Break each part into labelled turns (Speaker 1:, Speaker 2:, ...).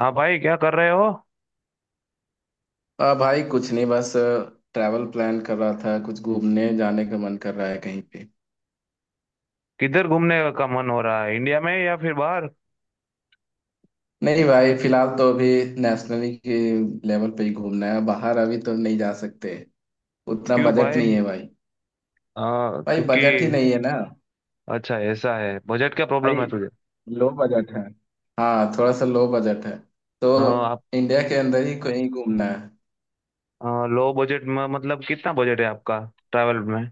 Speaker 1: हाँ भाई, क्या कर रहे हो?
Speaker 2: आ भाई कुछ नहीं, बस ट्रैवल प्लान कर रहा था, कुछ घूमने जाने का मन कर रहा है कहीं पे।
Speaker 1: किधर घूमने का मन हो रहा है, इंडिया में या फिर बाहर?
Speaker 2: नहीं भाई, फिलहाल तो अभी नेशनली के लेवल पे ही घूमना है, बाहर अभी तो नहीं जा सकते। उतना
Speaker 1: क्यों
Speaker 2: बजट
Speaker 1: भाई?
Speaker 2: नहीं है भाई। भाई
Speaker 1: क्योंकि।
Speaker 2: बजट ही नहीं है ना।
Speaker 1: अच्छा, ऐसा है? बजट क्या प्रॉब्लम
Speaker 2: भाई
Speaker 1: है तुझे?
Speaker 2: लो बजट है। हाँ थोड़ा सा लो बजट है, तो
Speaker 1: आप।
Speaker 2: इंडिया के अंदर ही कहीं घूमना है।
Speaker 1: लो बजट में मतलब कितना बजट है आपका, ट्रैवल में?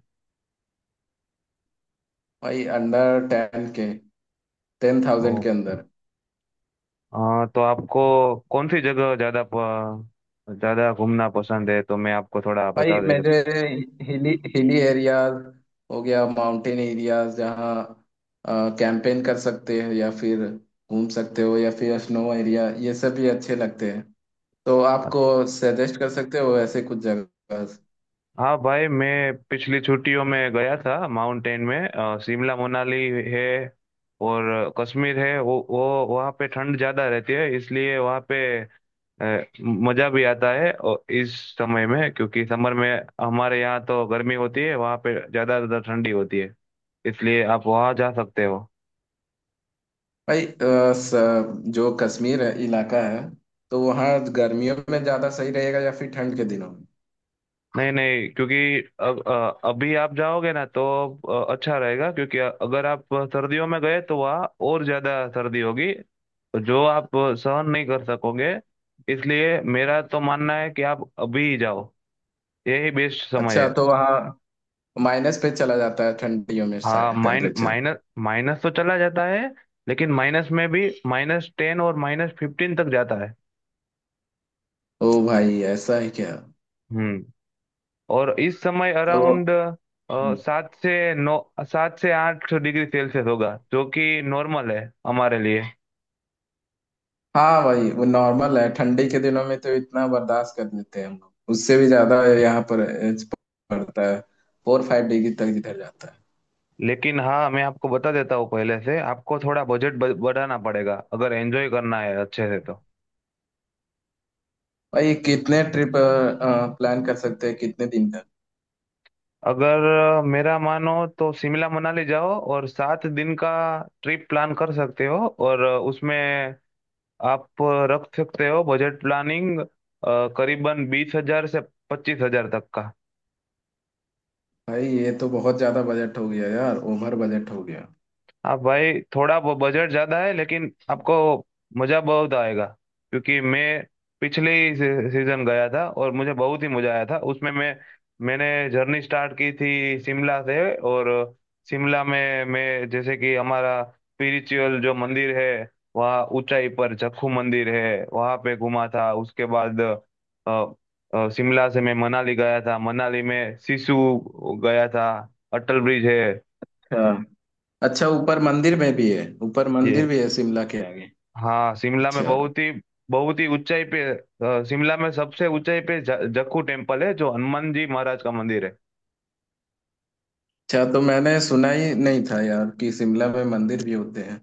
Speaker 2: भाई अंडर टेन के, 10,000
Speaker 1: ओ।
Speaker 2: के अंदर।
Speaker 1: तो आपको कौन सी जगह ज्यादा ज्यादा घूमना पसंद है, तो मैं आपको थोड़ा
Speaker 2: भाई
Speaker 1: बता देगा।
Speaker 2: मेरे हिली हिली एरियाज हो गया, माउंटेन एरियाज जहाँ कैंपेन कर सकते हैं, या फिर घूम सकते हो, या फिर स्नो एरिया, ये सब भी अच्छे लगते हैं। तो आपको सजेस्ट कर सकते हो ऐसे कुछ जगह।
Speaker 1: हाँ भाई, मैं पिछली छुट्टियों में गया था माउंटेन में, शिमला मनाली है। और कश्मीर है, वो वहाँ पे ठंड ज़्यादा रहती है, इसलिए वहाँ पे अ, मज़ा भी आता है। और इस समय में, क्योंकि समर में हमारे यहाँ तो गर्मी होती है, वहाँ पे ज़्यादा ज़्यादा ठंडी होती है। इसलिए आप वहाँ जा सकते हो।
Speaker 2: भाई जो कश्मीर है इलाका है, तो वहाँ गर्मियों में ज़्यादा सही रहेगा या फिर ठंड के दिनों में।
Speaker 1: नहीं नहीं, क्योंकि अब अभी आप जाओगे ना, तो अच्छा रहेगा, क्योंकि अगर आप सर्दियों में गए तो वहाँ और ज्यादा सर्दी होगी, जो आप सहन नहीं कर सकोगे। इसलिए मेरा तो मानना है कि आप अभी ही जाओ, यही बेस्ट समय
Speaker 2: अच्छा,
Speaker 1: है।
Speaker 2: तो वहाँ माइनस पे चला जाता है ठंडियों में
Speaker 1: हाँ,
Speaker 2: टेम्परेचर।
Speaker 1: माइनस तो चला जाता है। लेकिन माइनस में भी -10 और -15 तक जाता है।
Speaker 2: ओ भाई, ऐसा है क्या।
Speaker 1: हम्म। और इस समय
Speaker 2: तो
Speaker 1: अराउंड सात से नौ 7 से 8 डिग्री सेल्सियस होगा, जो कि नॉर्मल है हमारे लिए।
Speaker 2: हाँ भाई वो नॉर्मल है, ठंडी के दिनों में तो इतना बर्दाश्त कर लेते हैं हम लोग, उससे भी ज्यादा यहाँ पर पड़ता है। फोर फाइव डिग्री तक इधर जाता है।
Speaker 1: लेकिन हाँ, मैं आपको बता देता हूँ, पहले से आपको थोड़ा बजट बढ़ाना पड़ेगा, अगर एंजॉय करना है अच्छे से तो।
Speaker 2: भाई कितने ट्रिप प्लान कर सकते हैं, कितने दिन का।
Speaker 1: अगर मेरा मानो तो शिमला मनाली जाओ, और 7 दिन का ट्रिप प्लान कर सकते हो। और उसमें आप रख सकते हो बजट प्लानिंग, करीबन 20,000 से 25,000 तक का।
Speaker 2: भाई ये तो बहुत ज्यादा बजट हो गया यार, ओवर बजट हो गया।
Speaker 1: आप भाई, थोड़ा बजट ज्यादा है, लेकिन आपको मजा बहुत आएगा। क्योंकि मैं पिछले ही सीजन गया था, और मुझे बहुत ही मजा आया था उसमें। मैंने जर्नी स्टार्ट की थी शिमला से, और शिमला में मैं, जैसे कि हमारा स्पिरिचुअल जो मंदिर है, वहाँ ऊंचाई पर जखू मंदिर है, वहाँ पे घूमा था। उसके बाद शिमला से मैं मनाली गया था, मनाली में सिसु गया था, अटल ब्रिज है।
Speaker 2: अच्छा। ऊपर मंदिर
Speaker 1: ये।
Speaker 2: भी है शिमला के आगे।
Speaker 1: हाँ, शिमला में
Speaker 2: अच्छा।
Speaker 1: बहुत ही ऊंचाई पे, शिमला में सबसे ऊंचाई पे जक्खू टेम्पल है, जो हनुमान जी महाराज का मंदिर है।
Speaker 2: अच्छा, तो मैंने सुना ही नहीं था यार कि शिमला में मंदिर भी होते हैं।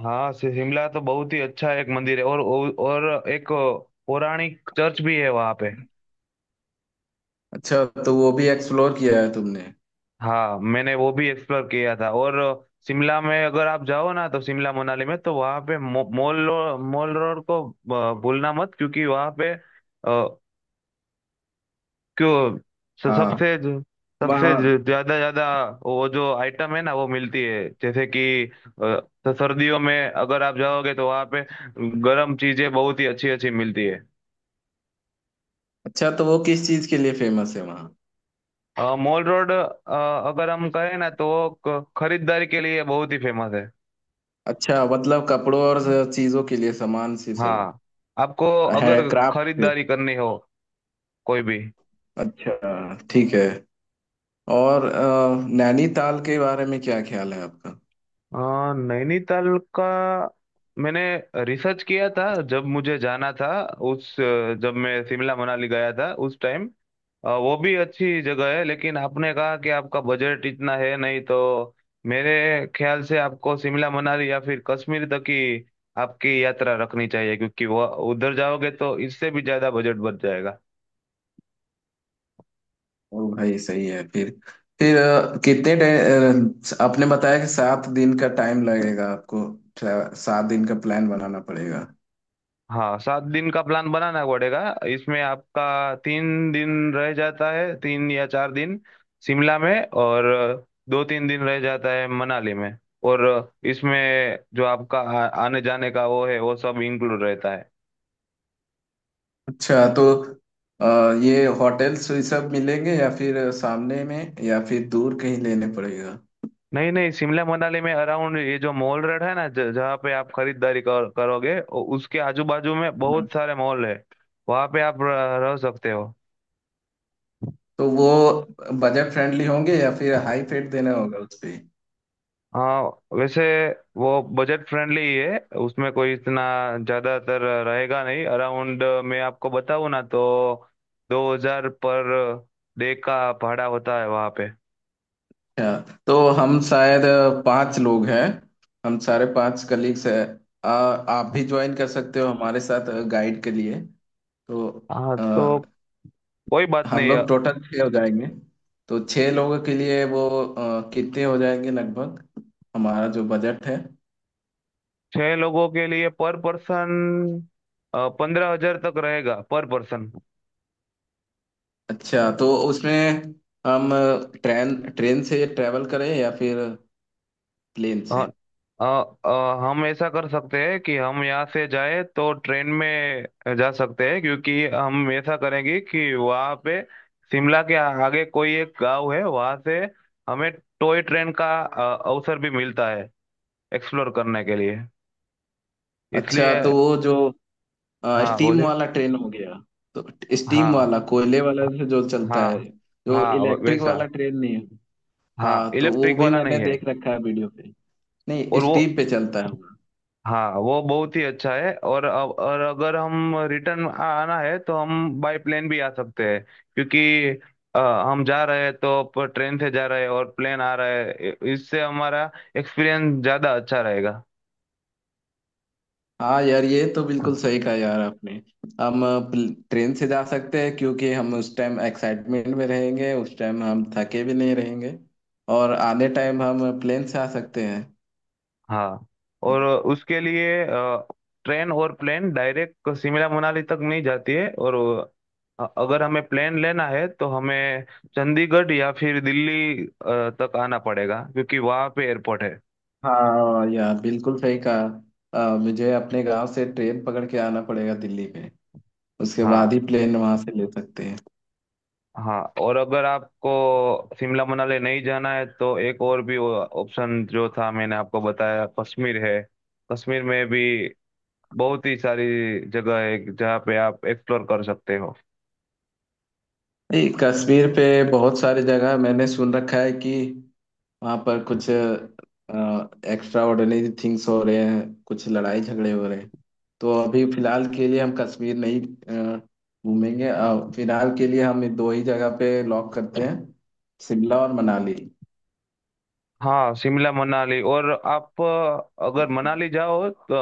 Speaker 1: हाँ, शिमला तो बहुत ही अच्छा एक मंदिर है, और और एक पौराणिक चर्च भी है वहाँ पे।
Speaker 2: अच्छा, तो वो भी एक्सप्लोर किया है तुमने।
Speaker 1: हाँ, मैंने वो भी एक्सप्लोर किया था। और शिमला में अगर आप जाओ ना, तो शिमला मनाली में, तो वहाँ पे मॉल रोड को भूलना मत, क्योंकि वहाँ पे— क्यों? स-
Speaker 2: हाँ
Speaker 1: सबसे जो- सबसे
Speaker 2: वहाँ।
Speaker 1: जो ज्यादा ज्यादा वो जो आइटम है ना वो मिलती है, जैसे कि अ, तो सर्दियों में अगर आप जाओगे, तो वहाँ पे गर्म चीजें बहुत ही अच्छी अच्छी मिलती है।
Speaker 2: अच्छा, तो वो किस चीज के लिए फेमस है वहाँ।
Speaker 1: मॉल रोड, अगर हम कहें ना, तो वो खरीदारी के लिए बहुत ही फेमस है।
Speaker 2: अच्छा मतलब कपड़ों और चीजों के लिए, सामान से सब
Speaker 1: हाँ, आपको
Speaker 2: है,
Speaker 1: अगर
Speaker 2: क्राफ्ट से।
Speaker 1: खरीदारी करनी हो कोई भी।
Speaker 2: अच्छा, ठीक है। और नैनीताल के बारे में क्या ख्याल है आपका।
Speaker 1: अ, नैनीताल का मैंने रिसर्च किया था, जब मुझे जाना था। उस, जब मैं शिमला मनाली गया था उस टाइम, वो भी अच्छी जगह है, लेकिन आपने कहा कि आपका बजट इतना है नहीं, तो मेरे ख्याल से आपको शिमला मनाली या फिर कश्मीर तक की आपकी यात्रा रखनी चाहिए, क्योंकि वो उधर जाओगे तो इससे भी ज्यादा बजट बच जाएगा।
Speaker 2: ओ भाई, सही है। फिर आपने बताया कि 7 दिन का टाइम लगेगा आपको। 7 दिन का प्लान बनाना पड़ेगा।
Speaker 1: हाँ, 7 दिन का प्लान बनाना पड़ेगा। इसमें आपका 3 दिन रह जाता है, 3 या 4 दिन शिमला में, और 2-3 दिन रह जाता है मनाली में। और इसमें जो आपका आने जाने का वो है, वो सब इंक्लूड रहता है।
Speaker 2: अच्छा, तो अ, ये होटल्स ये सब मिलेंगे, या फिर सामने में या फिर दूर कहीं लेने पड़ेगा।
Speaker 1: नहीं नहीं, शिमला मनाली में अराउंड ये जो मॉल रोड है ना, जहाँ पे आप खरीदारी करोगे, उसके आजू बाजू में बहुत सारे मॉल है, वहाँ पे आप रह सकते हो।
Speaker 2: तो वो बजट फ्रेंडली होंगे या फिर हाई फेट देना होगा उस पे।
Speaker 1: हाँ, वैसे वो बजट फ्रेंडली ही है, उसमें कोई इतना ज्यादातर रहेगा नहीं। अराउंड, मैं आपको बताऊँ ना तो 2,000 पर डे का भाड़ा होता है वहाँ पे।
Speaker 2: अच्छा, तो हम शायद 5 लोग हैं, हम सारे 5 कलीग्स हैं। आप भी ज्वाइन कर सकते हो हमारे साथ गाइड के लिए। तो
Speaker 1: हाँ
Speaker 2: अ,
Speaker 1: तो, कोई बात
Speaker 2: हम
Speaker 1: नहीं है।
Speaker 2: लोग टोटल 6 हो जाएंगे। तो 6 लोगों के लिए वो कितने हो जाएंगे लगभग, हमारा जो बजट है।
Speaker 1: छह लोगों के लिए पर पर्सन 15,000 तक रहेगा पर पर्सन।
Speaker 2: अच्छा, तो उसमें हम ट्रेन ट्रेन से ट्रेवल करें या फिर प्लेन
Speaker 1: अ,
Speaker 2: से।
Speaker 1: अ, अ, हम ऐसा कर सकते हैं कि हम यहाँ से जाए तो ट्रेन में जा सकते हैं, क्योंकि हम ऐसा करेंगे कि वहाँ पे शिमला के आगे कोई एक गांव है, वहाँ से हमें टॉय ट्रेन का अवसर भी मिलता है, एक्सप्लोर करने के लिए।
Speaker 2: अच्छा,
Speaker 1: इसलिए।
Speaker 2: तो वो जो
Speaker 1: हाँ
Speaker 2: स्टीम
Speaker 1: बोले।
Speaker 2: वाला ट्रेन हो गया, तो स्टीम
Speaker 1: हाँ,
Speaker 2: वाला, कोयले वाला
Speaker 1: हाँ,
Speaker 2: से जो चलता है,
Speaker 1: हाँ।
Speaker 2: जो
Speaker 1: हाँ
Speaker 2: इलेक्ट्रिक
Speaker 1: वैसा।
Speaker 2: वाला ट्रेन नहीं है।
Speaker 1: हाँ,
Speaker 2: हाँ तो वो
Speaker 1: इलेक्ट्रिक
Speaker 2: भी
Speaker 1: वाला
Speaker 2: मैंने
Speaker 1: नहीं है।
Speaker 2: देख रखा है वीडियो पे, नहीं
Speaker 1: और वो,
Speaker 2: स्टीम पे चलता है वो।
Speaker 1: हाँ, वो बहुत ही अच्छा है, और और अगर हम रिटर्न आना है, तो हम बाय प्लेन भी आ सकते हैं। क्योंकि अ, हम जा रहे हैं तो ट्रेन से जा रहे हैं और प्लेन आ रहा है, इससे हमारा एक्सपीरियंस ज़्यादा अच्छा रहेगा।
Speaker 2: हाँ यार ये तो बिल्कुल सही कहा यार आपने। हम ट्रेन से जा सकते हैं, क्योंकि हम उस टाइम एक्साइटमेंट में रहेंगे, उस टाइम हम थके भी नहीं रहेंगे। और आधे टाइम हम प्लेन से आ सकते हैं।
Speaker 1: हाँ, और उसके लिए ट्रेन और प्लेन डायरेक्ट शिमला मनाली तक नहीं जाती है, और अगर हमें प्लेन लेना है तो हमें चंडीगढ़ या फिर दिल्ली तक आना पड़ेगा, क्योंकि वहाँ पे एयरपोर्ट है।
Speaker 2: हाँ यार, बिल्कुल सही कहा। मुझे अपने गांव से ट्रेन पकड़ के आना पड़ेगा दिल्ली में, उसके
Speaker 1: हाँ,
Speaker 2: बाद ही प्लेन वहां से ले सकते हैं।
Speaker 1: हाँ, और अगर आपको शिमला मनाली नहीं जाना है, तो एक और भी ऑप्शन जो था मैंने आपको बताया कश्मीर है। कश्मीर में भी बहुत ही सारी जगह है, जहाँ पे आप एक्सप्लोर कर सकते हो।
Speaker 2: नहीं, कश्मीर पे बहुत सारी जगह मैंने सुन रखा है कि वहां पर कुछ एक्स्ट्रा ऑर्डिनरी थिंग्स हो रहे हैं, कुछ लड़ाई झगड़े हो रहे हैं। तो अभी फिलहाल के लिए हम कश्मीर नहीं अ, घूमेंगे। फिलहाल के लिए हम ये दो ही जगह पे लॉक करते हैं, शिमला और मनाली।
Speaker 1: हाँ, शिमला मनाली। और आप, अगर मनाली जाओ, तो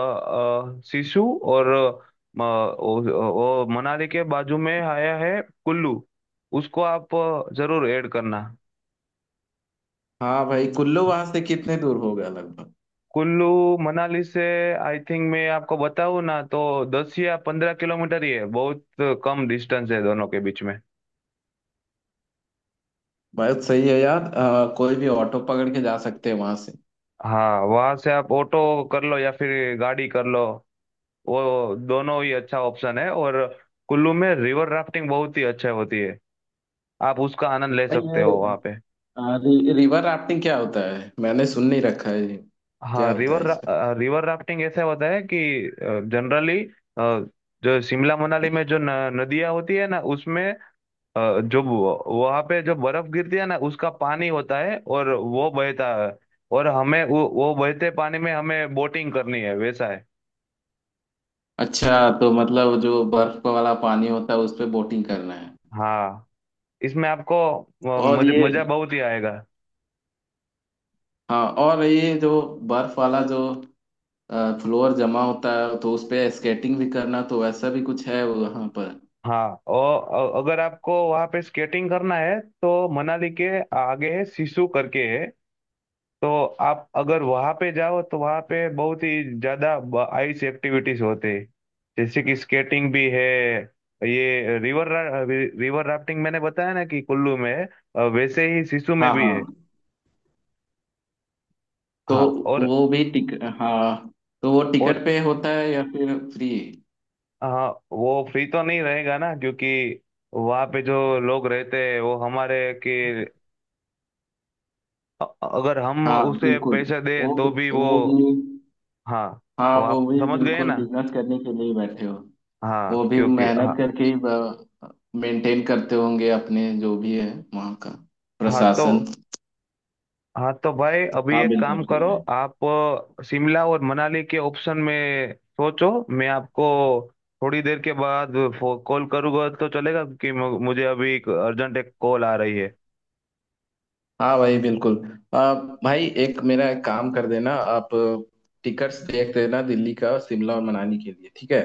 Speaker 1: सिसु और मनाली के बाजू में आया है कुल्लू, उसको आप जरूर ऐड करना।
Speaker 2: हाँ भाई, कुल्लू वहां से कितने दूर होगा लगभग।
Speaker 1: कुल्लू मनाली से, आई थिंक, मैं आपको बताऊँ ना तो 10 या 15 किलोमीटर ही है, बहुत कम डिस्टेंस है दोनों के बीच में।
Speaker 2: बहुत सही है यार। कोई भी ऑटो पकड़ के जा सकते हैं वहां से।
Speaker 1: हाँ, वहां से आप ऑटो कर लो या फिर गाड़ी कर लो, वो दोनों ही अच्छा ऑप्शन है। और कुल्लू में रिवर राफ्टिंग बहुत ही अच्छा होती है, आप उसका आनंद ले
Speaker 2: भाई
Speaker 1: सकते हो
Speaker 2: ये
Speaker 1: वहाँ पे।
Speaker 2: रिवर राफ्टिंग क्या होता है, मैंने सुन नहीं रखा है ये। क्या
Speaker 1: हाँ,
Speaker 2: होता
Speaker 1: रिवर
Speaker 2: है इसका।
Speaker 1: रिवर राफ्टिंग ऐसा होता है कि जनरली जो शिमला मनाली में जो न, नदियाँ होती है ना, उसमें जो वहां पे जो बर्फ गिरती है ना, उसका पानी होता है और वो बहता है, और हमें वो बहते पानी में हमें बोटिंग करनी है, वैसा है।
Speaker 2: अच्छा, तो मतलब जो बर्फ वाला पानी होता है उस पे बोटिंग करना है।
Speaker 1: हाँ, इसमें आपको
Speaker 2: और ये
Speaker 1: मजा बहुत ही आएगा।
Speaker 2: हाँ, और ये जो बर्फ वाला जो फ्लोर जमा होता है, तो उस पे स्केटिंग भी करना, तो वैसा भी कुछ है वहां पर।
Speaker 1: हाँ, और अगर आपको वहाँ पे स्केटिंग करना है, तो मनाली के आगे सिसु करके है, तो आप अगर वहां पे जाओ तो वहां पे बहुत ही ज्यादा आइस एक्टिविटीज होते हैं। जैसे कि स्केटिंग भी है, ये रिवर रिवर राफ्टिंग मैंने बताया ना कि कुल्लू में है, वैसे ही सिसु में
Speaker 2: हाँ
Speaker 1: भी है।
Speaker 2: हाँ। तो
Speaker 1: हाँ और
Speaker 2: वो भी टिक हाँ, तो वो
Speaker 1: और
Speaker 2: टिकट पे होता है या फिर फ्री।
Speaker 1: हाँ, वो फ्री तो नहीं रहेगा ना, क्योंकि वहाँ पे जो लोग रहते हैं वो हमारे के, अ- अगर हम
Speaker 2: हाँ
Speaker 1: उसे
Speaker 2: बिल्कुल।
Speaker 1: पैसे दे
Speaker 2: वो
Speaker 1: तो
Speaker 2: भी-
Speaker 1: भी वो।
Speaker 2: वो भी
Speaker 1: हाँ,
Speaker 2: हाँ
Speaker 1: वो
Speaker 2: वो
Speaker 1: आप
Speaker 2: भी
Speaker 1: समझ गए
Speaker 2: बिल्कुल
Speaker 1: ना।
Speaker 2: बिजनेस करने के लिए ही बैठे हो।
Speaker 1: हाँ,
Speaker 2: वो भी
Speaker 1: क्योंकि
Speaker 2: मेहनत
Speaker 1: हाँ।
Speaker 2: करके ही मेंटेन करते होंगे, अपने जो भी है, वहाँ का
Speaker 1: हाँ तो,
Speaker 2: प्रशासन।
Speaker 1: हाँ तो भाई, अभी
Speaker 2: हाँ
Speaker 1: एक
Speaker 2: बिल्कुल
Speaker 1: काम
Speaker 2: सही
Speaker 1: करो
Speaker 2: है।
Speaker 1: आप, शिमला और मनाली के ऑप्शन में सोचो। मैं आपको थोड़ी देर के बाद कॉल करूँगा, तो चलेगा? कि मुझे अभी एक अर्जेंट एक कॉल आ रही है।
Speaker 2: हाँ भाई बिल्कुल। भाई, एक मेरा एक काम कर देना आप, टिकट्स देख देना दिल्ली का, शिमला और मनाली के लिए ठीक है।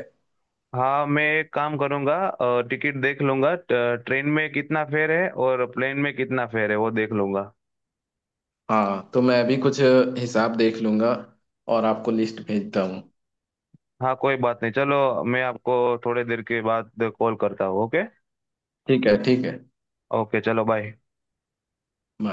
Speaker 1: हाँ, मैं एक काम करूँगा, टिकट देख लूंगा, ट्रेन में कितना फेयर है और प्लेन में कितना फेयर है, वो देख लूंगा।
Speaker 2: हाँ तो मैं भी कुछ हिसाब देख लूंगा और आपको लिस्ट भेजता हूँ।
Speaker 1: हाँ, कोई बात नहीं, चलो मैं आपको थोड़ी देर के बाद कॉल करता हूँ, ओके।
Speaker 2: ठीक है, ठीक है।
Speaker 1: ओके, चलो, बाय।